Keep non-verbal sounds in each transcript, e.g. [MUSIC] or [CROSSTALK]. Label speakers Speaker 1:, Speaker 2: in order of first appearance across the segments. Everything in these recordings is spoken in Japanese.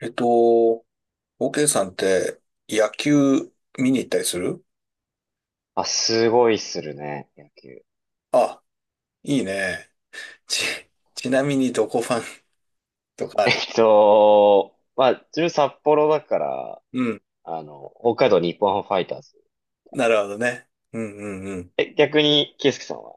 Speaker 1: えっと、OK さんって野球見に行ったりする？
Speaker 2: あ、すごいするね、野球。[LAUGHS]
Speaker 1: あ、いいね。ち、[LAUGHS] ちなみにどこファンとかある？
Speaker 2: 自分札幌だから、
Speaker 1: うん。
Speaker 2: 北海道日本ハムファイターズ。
Speaker 1: なるほどね。うんうんうん。
Speaker 2: え、逆に、圭介さんは。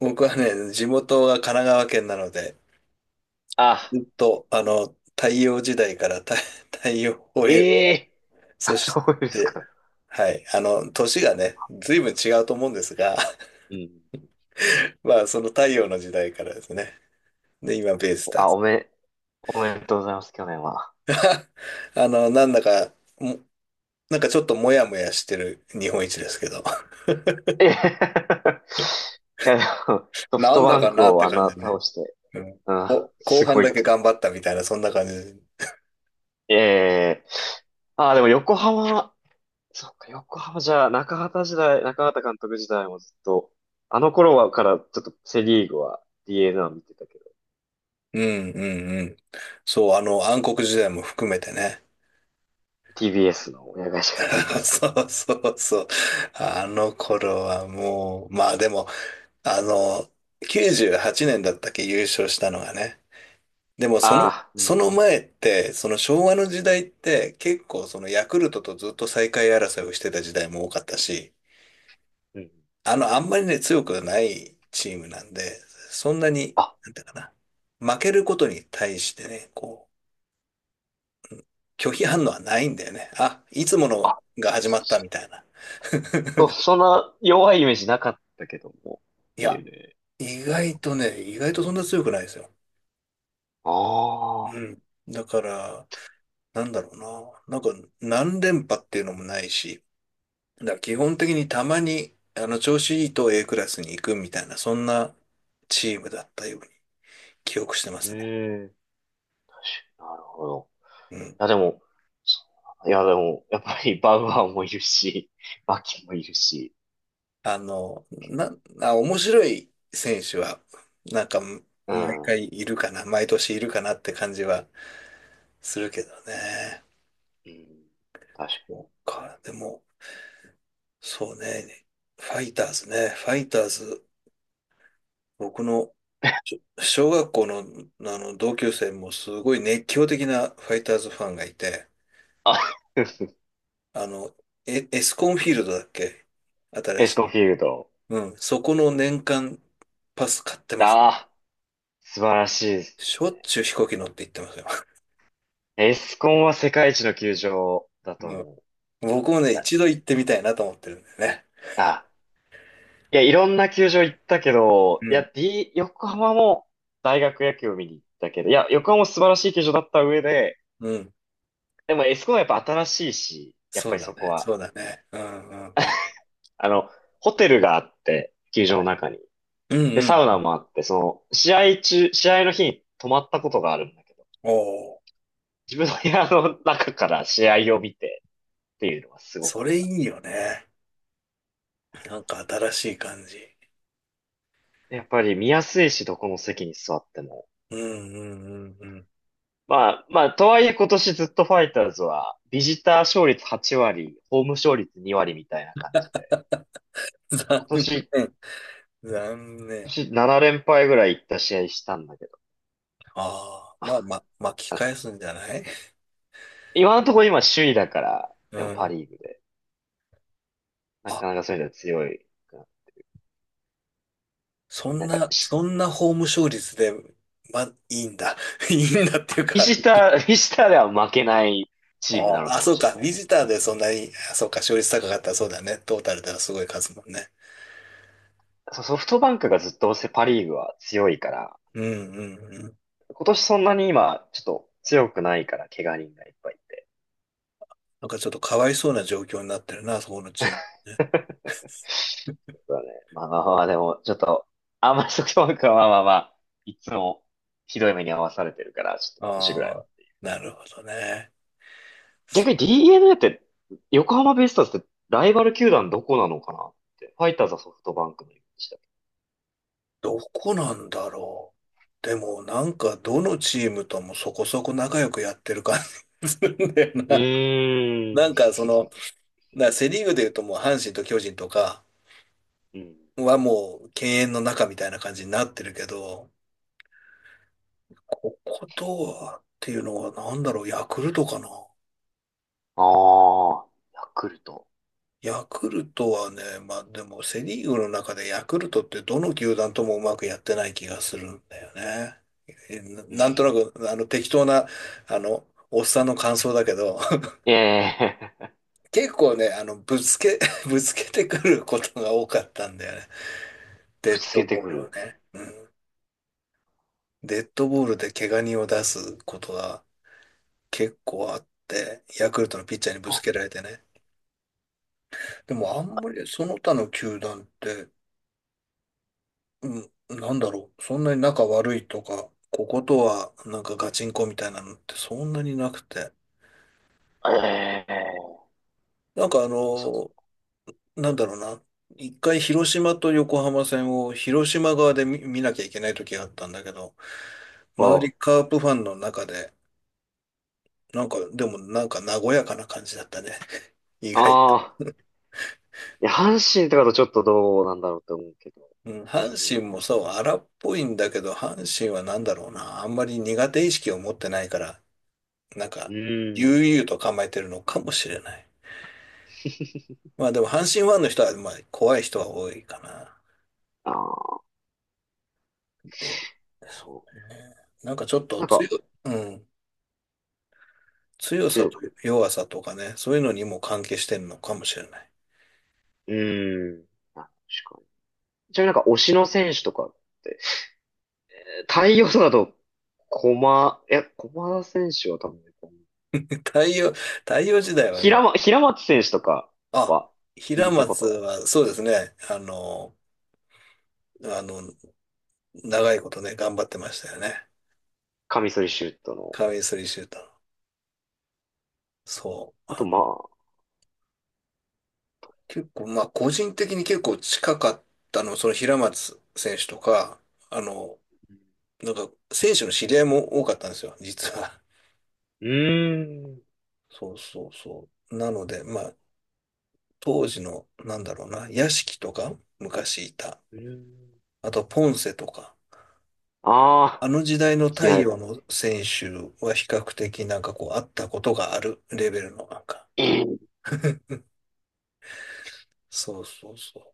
Speaker 1: 僕はね、地元が神奈川県なので、
Speaker 2: あ、
Speaker 1: ずっと、太陽時代から太、[LAUGHS] 太陽を得
Speaker 2: え
Speaker 1: る。
Speaker 2: え
Speaker 1: そ
Speaker 2: ー、
Speaker 1: し
Speaker 2: そうです
Speaker 1: て、
Speaker 2: か。
Speaker 1: はい、年がね、随分違うと思うんですが、
Speaker 2: うん。
Speaker 1: [LAUGHS] まあ、その太陽の時代からですね。で、今、ベイスター
Speaker 2: あ、
Speaker 1: ズ。
Speaker 2: おめ、おめでとうございます、去年は。
Speaker 1: [LAUGHS] なんだか、もなんかちょっともやもやしてる日本一ですけど。[LAUGHS]
Speaker 2: えへへへ [LAUGHS] いや、でも、ソフ
Speaker 1: な
Speaker 2: ト
Speaker 1: んだ
Speaker 2: バン
Speaker 1: か
Speaker 2: ク
Speaker 1: なっ
Speaker 2: を
Speaker 1: て
Speaker 2: あん
Speaker 1: 感じ
Speaker 2: な
Speaker 1: でね。
Speaker 2: 倒して、
Speaker 1: うん。
Speaker 2: うん、
Speaker 1: 後
Speaker 2: す
Speaker 1: 半
Speaker 2: ご
Speaker 1: だ
Speaker 2: い
Speaker 1: け
Speaker 2: と。
Speaker 1: 頑張ったみたいな、そんな感じで。
Speaker 2: ええ、あ、でも横浜、そっか、横浜じゃあ、中畑監督時代もずっと、あの頃はからちょっとセリーグは DNA を見てたけど、
Speaker 1: うんうんうん。そう、暗黒時代も含めてね。
Speaker 2: TBS の、親会社が
Speaker 1: [LAUGHS]
Speaker 2: TBS だっ
Speaker 1: そうそうそう。あの頃はもう、まあでも、あの、98年だったっけ優勝したのがね。でも
Speaker 2: た。
Speaker 1: そ
Speaker 2: あ
Speaker 1: の、
Speaker 2: あ、う
Speaker 1: そ
Speaker 2: ん、
Speaker 1: の前って、その昭和の時代って結構そのヤクルトとずっと最下位争いをしてた時代も多かったし、
Speaker 2: うん。
Speaker 1: あんまりね、強くないチームなんで、そんなに、
Speaker 2: あ、
Speaker 1: なんていうかな、負けることに対してね、こう、拒否反応はないんだよね。あ、いつもの
Speaker 2: あ、
Speaker 1: が始まったみたいな。[LAUGHS]
Speaker 2: そんな弱いイメージなかったけども、
Speaker 1: いや、
Speaker 2: DNA、
Speaker 1: 意外
Speaker 2: 横
Speaker 1: とね、意外とそんな強くないですよ。
Speaker 2: 浜。
Speaker 1: う
Speaker 2: ああ、
Speaker 1: ん。だから、なんだろうな。なんか、何連覇っていうのもないし、だから基本的にたまに、調子いいと A クラスに行くみたいな、そんなチームだったように記憶してま
Speaker 2: う
Speaker 1: すね。
Speaker 2: ん。なるほど。
Speaker 1: うん。
Speaker 2: いや、でも、そういや、でも、やっぱりバウアーもいるし、マキもいるし、
Speaker 1: あの、な、あ、面白い選手は、なんか、
Speaker 2: う
Speaker 1: 毎
Speaker 2: ん、
Speaker 1: 回いるかな、毎年いるかなって感じはするけどね。
Speaker 2: うん、確かに。
Speaker 1: そうか、でも、そうね、ファイターズね、ファイターズ、僕の小学校の、あの同級生もすごい熱狂的なファイターズファンがいて、
Speaker 2: あ [LAUGHS]
Speaker 1: あの、エスコンフィールドだっけ？新
Speaker 2: エス
Speaker 1: し
Speaker 2: コン
Speaker 1: い。
Speaker 2: フィールド。
Speaker 1: うん、そこの年間パス買ってます。
Speaker 2: ああ、素晴らしいです。
Speaker 1: しょっちゅう飛行機乗って行ってますよ。
Speaker 2: エスコンは世界一の球場だと
Speaker 1: [LAUGHS]
Speaker 2: 思う。い
Speaker 1: 僕もね、
Speaker 2: や、
Speaker 1: 一度行ってみたいなと思ってるんだよね。
Speaker 2: あ、いや、いろんな球場行ったけど、
Speaker 1: う
Speaker 2: いや、
Speaker 1: ん。
Speaker 2: D、横浜も大学野球を見に行ったけど、いや、横浜も素晴らしい球場だった上で、
Speaker 1: うん。
Speaker 2: でもエスコンはやっぱ新しいし、やっぱ
Speaker 1: そう
Speaker 2: り
Speaker 1: だ
Speaker 2: そこ
Speaker 1: ね。そ
Speaker 2: は、
Speaker 1: うだね。うんうんうん。
Speaker 2: あの、ホテルがあって、球場の中に。
Speaker 1: う
Speaker 2: で、
Speaker 1: んう
Speaker 2: サウナ
Speaker 1: ん。
Speaker 2: もあって、その、試合中、試合の日に泊まったことがあるんだけど、
Speaker 1: おお、
Speaker 2: 自分の部屋の中から試合を見てっていうのはすごか
Speaker 1: そ
Speaker 2: っ
Speaker 1: れい
Speaker 2: た。
Speaker 1: いよね。なんか新しい感じ。
Speaker 2: やっぱり見やすいし、どこの席に座っても。
Speaker 1: うんうんうん
Speaker 2: まあ、まあ、とはいえ今年ずっとファイターズは、ビジター勝率8割、ホーム勝率2割みたいな感じで。
Speaker 1: うん。残
Speaker 2: 今
Speaker 1: 念。
Speaker 2: 年、
Speaker 1: 残念。
Speaker 2: 今年7連敗ぐらいいった試合したんだけど。
Speaker 1: ああ、まあまあ、巻き返
Speaker 2: [LAUGHS]
Speaker 1: すんじゃない？
Speaker 2: 今のところ今首位だから、
Speaker 1: う
Speaker 2: でもパ
Speaker 1: ん。
Speaker 2: リーグで。な
Speaker 1: あ、
Speaker 2: かなかそういうのは強い。
Speaker 1: そん
Speaker 2: なんか、
Speaker 1: な、
Speaker 2: し
Speaker 1: そんな法務勝率で、ま、いいんだ。[LAUGHS] いいんだっていう
Speaker 2: ビ
Speaker 1: か、
Speaker 2: ジター、[LAUGHS] ビジターでは負けない
Speaker 1: あ
Speaker 2: チームなの
Speaker 1: あ、あ
Speaker 2: かも
Speaker 1: そう
Speaker 2: しれ
Speaker 1: か。
Speaker 2: な
Speaker 1: ビ
Speaker 2: い。
Speaker 1: ジターでそんなに、あそうか、勝率高かったらそうだね。トータルではすごい数もんね。
Speaker 2: そうソフトバンクがずっとせパリーグは強いから、
Speaker 1: うんうんうん。
Speaker 2: 今年そんなに今、ちょっと強くないから、怪我人がいっぱいいて。
Speaker 1: なんかちょっとかわいそうな状況になってるな、そこのチームね。
Speaker 2: [LAUGHS] そうだね。でも、ちょっと、あんまりソフトバンクはいつもひどい目に遭わされてるから、ちょっと今年ぐらい
Speaker 1: ああ、
Speaker 2: は。
Speaker 1: なるほどね。そ
Speaker 2: 逆に d n a って、横浜ベイスターズってライバル球団どこなのかなって。ファイターズはソフトバンクのイメージだけ
Speaker 1: どこなんだろう。でもなんかどのチームともそこそこ仲良くやってる感じするんだよ
Speaker 2: ど。う
Speaker 1: な。[LAUGHS] な
Speaker 2: ー
Speaker 1: んか
Speaker 2: ん。
Speaker 1: その、セリーグで言うともう阪神と巨人とか
Speaker 2: うん。
Speaker 1: はもう敬遠の中みたいな感じになってるけど、こことはっていうのはなんだろう、ヤクルトかな。
Speaker 2: ああ、ヤクルト。
Speaker 1: ヤクルトはね、まあでもセ・リーグの中でヤクルトってどの球団ともうまくやってない気がするんだよね。
Speaker 2: うん、
Speaker 1: なんとなくあの適当なあのおっさんの感想だけど
Speaker 2: ええ
Speaker 1: [LAUGHS] 結構ねぶつけ [LAUGHS] ぶつけてくることが多かったんだよね。
Speaker 2: [LAUGHS] ぶ
Speaker 1: デッ
Speaker 2: つ
Speaker 1: ド
Speaker 2: けて
Speaker 1: ボー
Speaker 2: く
Speaker 1: ルを
Speaker 2: る。
Speaker 1: ね。うん、デッドボールで怪我人を出すことが結構あってヤクルトのピッチャーにぶつ
Speaker 2: あ、
Speaker 1: けられてね。でもあんまりその他の球団って、うん、なんだろう。そんなに仲悪いとか、こことはなんかガチンコみたいなのってそんなになくて。
Speaker 2: ええ、
Speaker 1: なんかあの、なんだろうな。一回広島と横浜戦を広島側で見なきゃいけない時があったんだけど、周
Speaker 2: あ、
Speaker 1: りカープファンの中で、なんか、でもなんか和やかな感じだったね。[LAUGHS] 意外
Speaker 2: あ
Speaker 1: と。
Speaker 2: ー。いや、阪神とかだとちょっとどうなんだろうって思うけど、
Speaker 1: うん、
Speaker 2: 巨
Speaker 1: 阪
Speaker 2: 人、
Speaker 1: 神
Speaker 2: 阪
Speaker 1: もそう、荒っぽいんだけど、阪神はなんだろうな。あんまり苦手意識を持ってないから、なんか、
Speaker 2: 神。うーん。
Speaker 1: 悠々と構えてるのかもしれない。まあでも阪神ファンの人は、まあ怖い人は多いかな。
Speaker 2: ああ、
Speaker 1: で、そうね。なんかちょっと
Speaker 2: なん
Speaker 1: 強
Speaker 2: か、
Speaker 1: い、うん。強さ
Speaker 2: 強
Speaker 1: と
Speaker 2: く。
Speaker 1: 弱さとかね、そういうのにも関係してるのかもしれない。
Speaker 2: うーん。あ、確かに。ちなみに推しの選手とかって、太陽とかだと、駒田選手は多分ね、
Speaker 1: [LAUGHS] 太陽、太陽時代はね、
Speaker 2: 平松選手とか
Speaker 1: あ、
Speaker 2: は聞
Speaker 1: 平
Speaker 2: いたこ
Speaker 1: 松
Speaker 2: とが、
Speaker 1: はそうですね、あの、長いことね、頑張ってましたよね。
Speaker 2: カミソリシュートの。
Speaker 1: カミソリシューターの。そう。
Speaker 2: あと、
Speaker 1: あ、
Speaker 2: まあ、
Speaker 1: 結構、まあ個人的に結構近かったの、その平松選手とか、あの、なんか、選手の知り合いも多かったんですよ、実は。
Speaker 2: うーん、
Speaker 1: そうそうそう。なので、まあ、当時の、なんだろうな、屋敷とか、昔いた。
Speaker 2: うーん。
Speaker 1: あと、ポンセとか。
Speaker 2: ああ、
Speaker 1: あの時代の太
Speaker 2: 嫌い。
Speaker 1: 陽の選手は比較的なんかこう、あったことがあるレベルのなんか。
Speaker 2: え
Speaker 1: そうそうそう。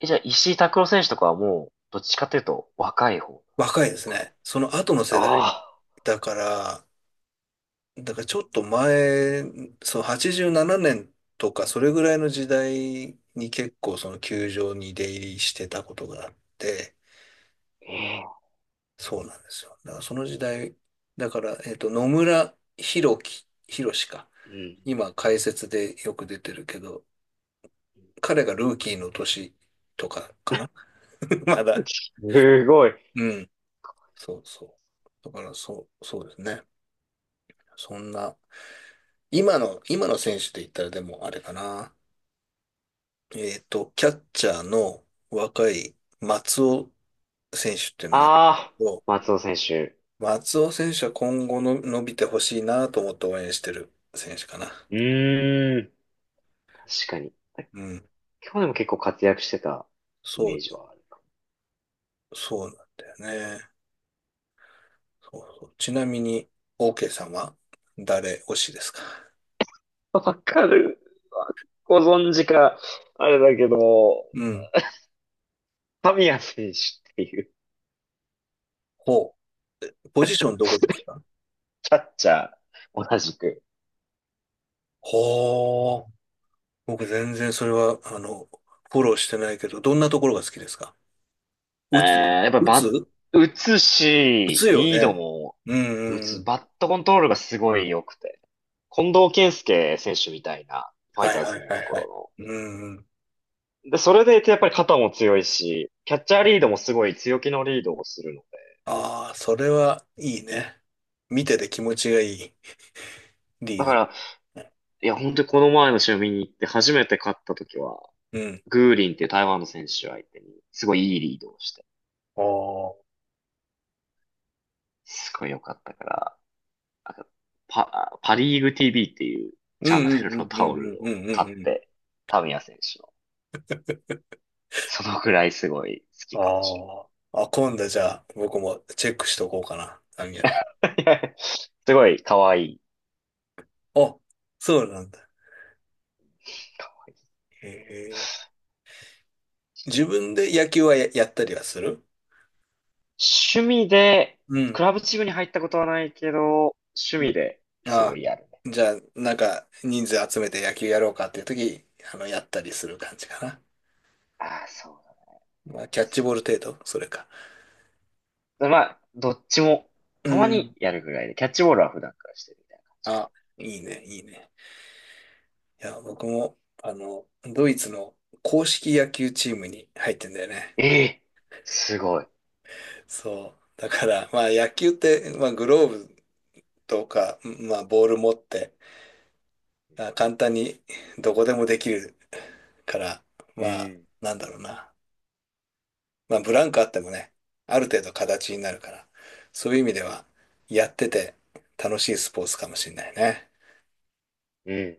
Speaker 2: え、じゃあ、石井拓郎選手とかはもう、どっちかというと、若い方な
Speaker 1: 若いで
Speaker 2: の
Speaker 1: す
Speaker 2: か。
Speaker 1: ね。その後の世代
Speaker 2: ああ、
Speaker 1: だから、だからちょっと前、そう、87年とか、それぐらいの時代に結構その球場に出入りしてたことがあって、
Speaker 2: ええ、
Speaker 1: そうなんですよ。だからその時代、だから、野村弘樹、弘志か。
Speaker 2: う
Speaker 1: 今、解説でよく出てるけど、彼がルーキーの年とかかな [LAUGHS] ま
Speaker 2: ん。
Speaker 1: だ。
Speaker 2: すごい。
Speaker 1: うん。そうそう。だから、そう、そうですね。そんな、今の選手で言ったらでもあれかな。キャッチャーの若い松尾選手っていうのがいるんです
Speaker 2: ああ、
Speaker 1: けど、
Speaker 2: 松尾選手。
Speaker 1: 松尾選手は今後の伸びてほしいなと思って応援してる選手かな。
Speaker 2: うーん、確かに。
Speaker 1: うん。
Speaker 2: 今日でも結構活躍してたイ
Speaker 1: そ
Speaker 2: メー
Speaker 1: う、
Speaker 2: ジはある。
Speaker 1: そうなんだよね。そうそう。ちなみに、OK さんは誰推しですか？
Speaker 2: わかる。ご存知か、あれだけど、
Speaker 1: うん。
Speaker 2: 神谷選手っていう
Speaker 1: ほう。ポジションどこですか？
Speaker 2: キャッチャー、同じく。
Speaker 1: ほう。僕全然それは、フォローしてないけど、どんなところが好きですか？
Speaker 2: えー、
Speaker 1: 打つ？
Speaker 2: やっぱ
Speaker 1: 打
Speaker 2: バ
Speaker 1: つ？
Speaker 2: ッ、打つ
Speaker 1: 打
Speaker 2: し、
Speaker 1: つよ
Speaker 2: リード
Speaker 1: ね。
Speaker 2: も
Speaker 1: うんう
Speaker 2: 打
Speaker 1: んう
Speaker 2: つ、
Speaker 1: ん。
Speaker 2: バットコントロールがすごい良くて。近藤健介選手みたいな、ファイ
Speaker 1: はい
Speaker 2: ター
Speaker 1: は
Speaker 2: ズ
Speaker 1: い
Speaker 2: にい
Speaker 1: は
Speaker 2: た
Speaker 1: いはい。
Speaker 2: 頃の、
Speaker 1: うん。
Speaker 2: で、それでいてやっぱり肩も強いし、キャッチャーリードもすごい強気のリードをするので。
Speaker 1: ああ、それはいいね。見てて気持ちがいいリ
Speaker 2: だ
Speaker 1: ー
Speaker 2: か
Speaker 1: ド。
Speaker 2: ら、いや、本当にこの前の試合見に行って初めて勝った時は、
Speaker 1: うん。
Speaker 2: グーリンっていう台湾の選手相手に、すごいいいリードをして、
Speaker 1: ああ。
Speaker 2: すごい良かったから、あとパリーグ TV っていう
Speaker 1: う
Speaker 2: チャ
Speaker 1: ん
Speaker 2: ン
Speaker 1: う
Speaker 2: ネ
Speaker 1: んう
Speaker 2: ルの
Speaker 1: ん
Speaker 2: タ
Speaker 1: う
Speaker 2: オ
Speaker 1: んう
Speaker 2: ル
Speaker 1: んう
Speaker 2: を
Speaker 1: んう
Speaker 2: 買
Speaker 1: ん
Speaker 2: っ
Speaker 1: うん。
Speaker 2: て、タミヤ選手の。そのくらいすごい好きかもしれ
Speaker 1: ああ。あ、今度じゃあ僕もチェックしとこうかな。あ、
Speaker 2: ない。[LAUGHS] すごい可愛い。
Speaker 1: そうなんだ。へえ。自分で野球はやったりはする？
Speaker 2: 趣味で、
Speaker 1: う
Speaker 2: ク
Speaker 1: ん。
Speaker 2: ラブチームに入ったことはないけど、趣
Speaker 1: うん。
Speaker 2: 味です
Speaker 1: あ
Speaker 2: ご
Speaker 1: あ。
Speaker 2: いやるね。
Speaker 1: じゃあ、なんか人数集めて野球やろうかっていう時、やったりする感じかな。
Speaker 2: ああ、そうだっ
Speaker 1: まあ、キ
Speaker 2: た
Speaker 1: ャ
Speaker 2: り
Speaker 1: ッチ
Speaker 2: す
Speaker 1: ボール程度、それか。
Speaker 2: る。まあ、どっちも、
Speaker 1: う
Speaker 2: たまに
Speaker 1: ん。
Speaker 2: やるぐらいで、キャッチボールは普段からしてるみたいな感じかな。
Speaker 1: あ、いいね、いいね。いや、僕も、ドイツの公式野球チームに入ってんだよね。
Speaker 2: ええ、すごい。
Speaker 1: そう。だから、まあ野球って、まあグローブとか、まあボール持って、あ簡単にどこでもできるから、
Speaker 2: う
Speaker 1: まあ、
Speaker 2: ん、
Speaker 1: なんだろうな。まあブランクあってもね、ある程度形になるから、そういう意味では、やってて楽しいスポーツかもしれないね。
Speaker 2: うん。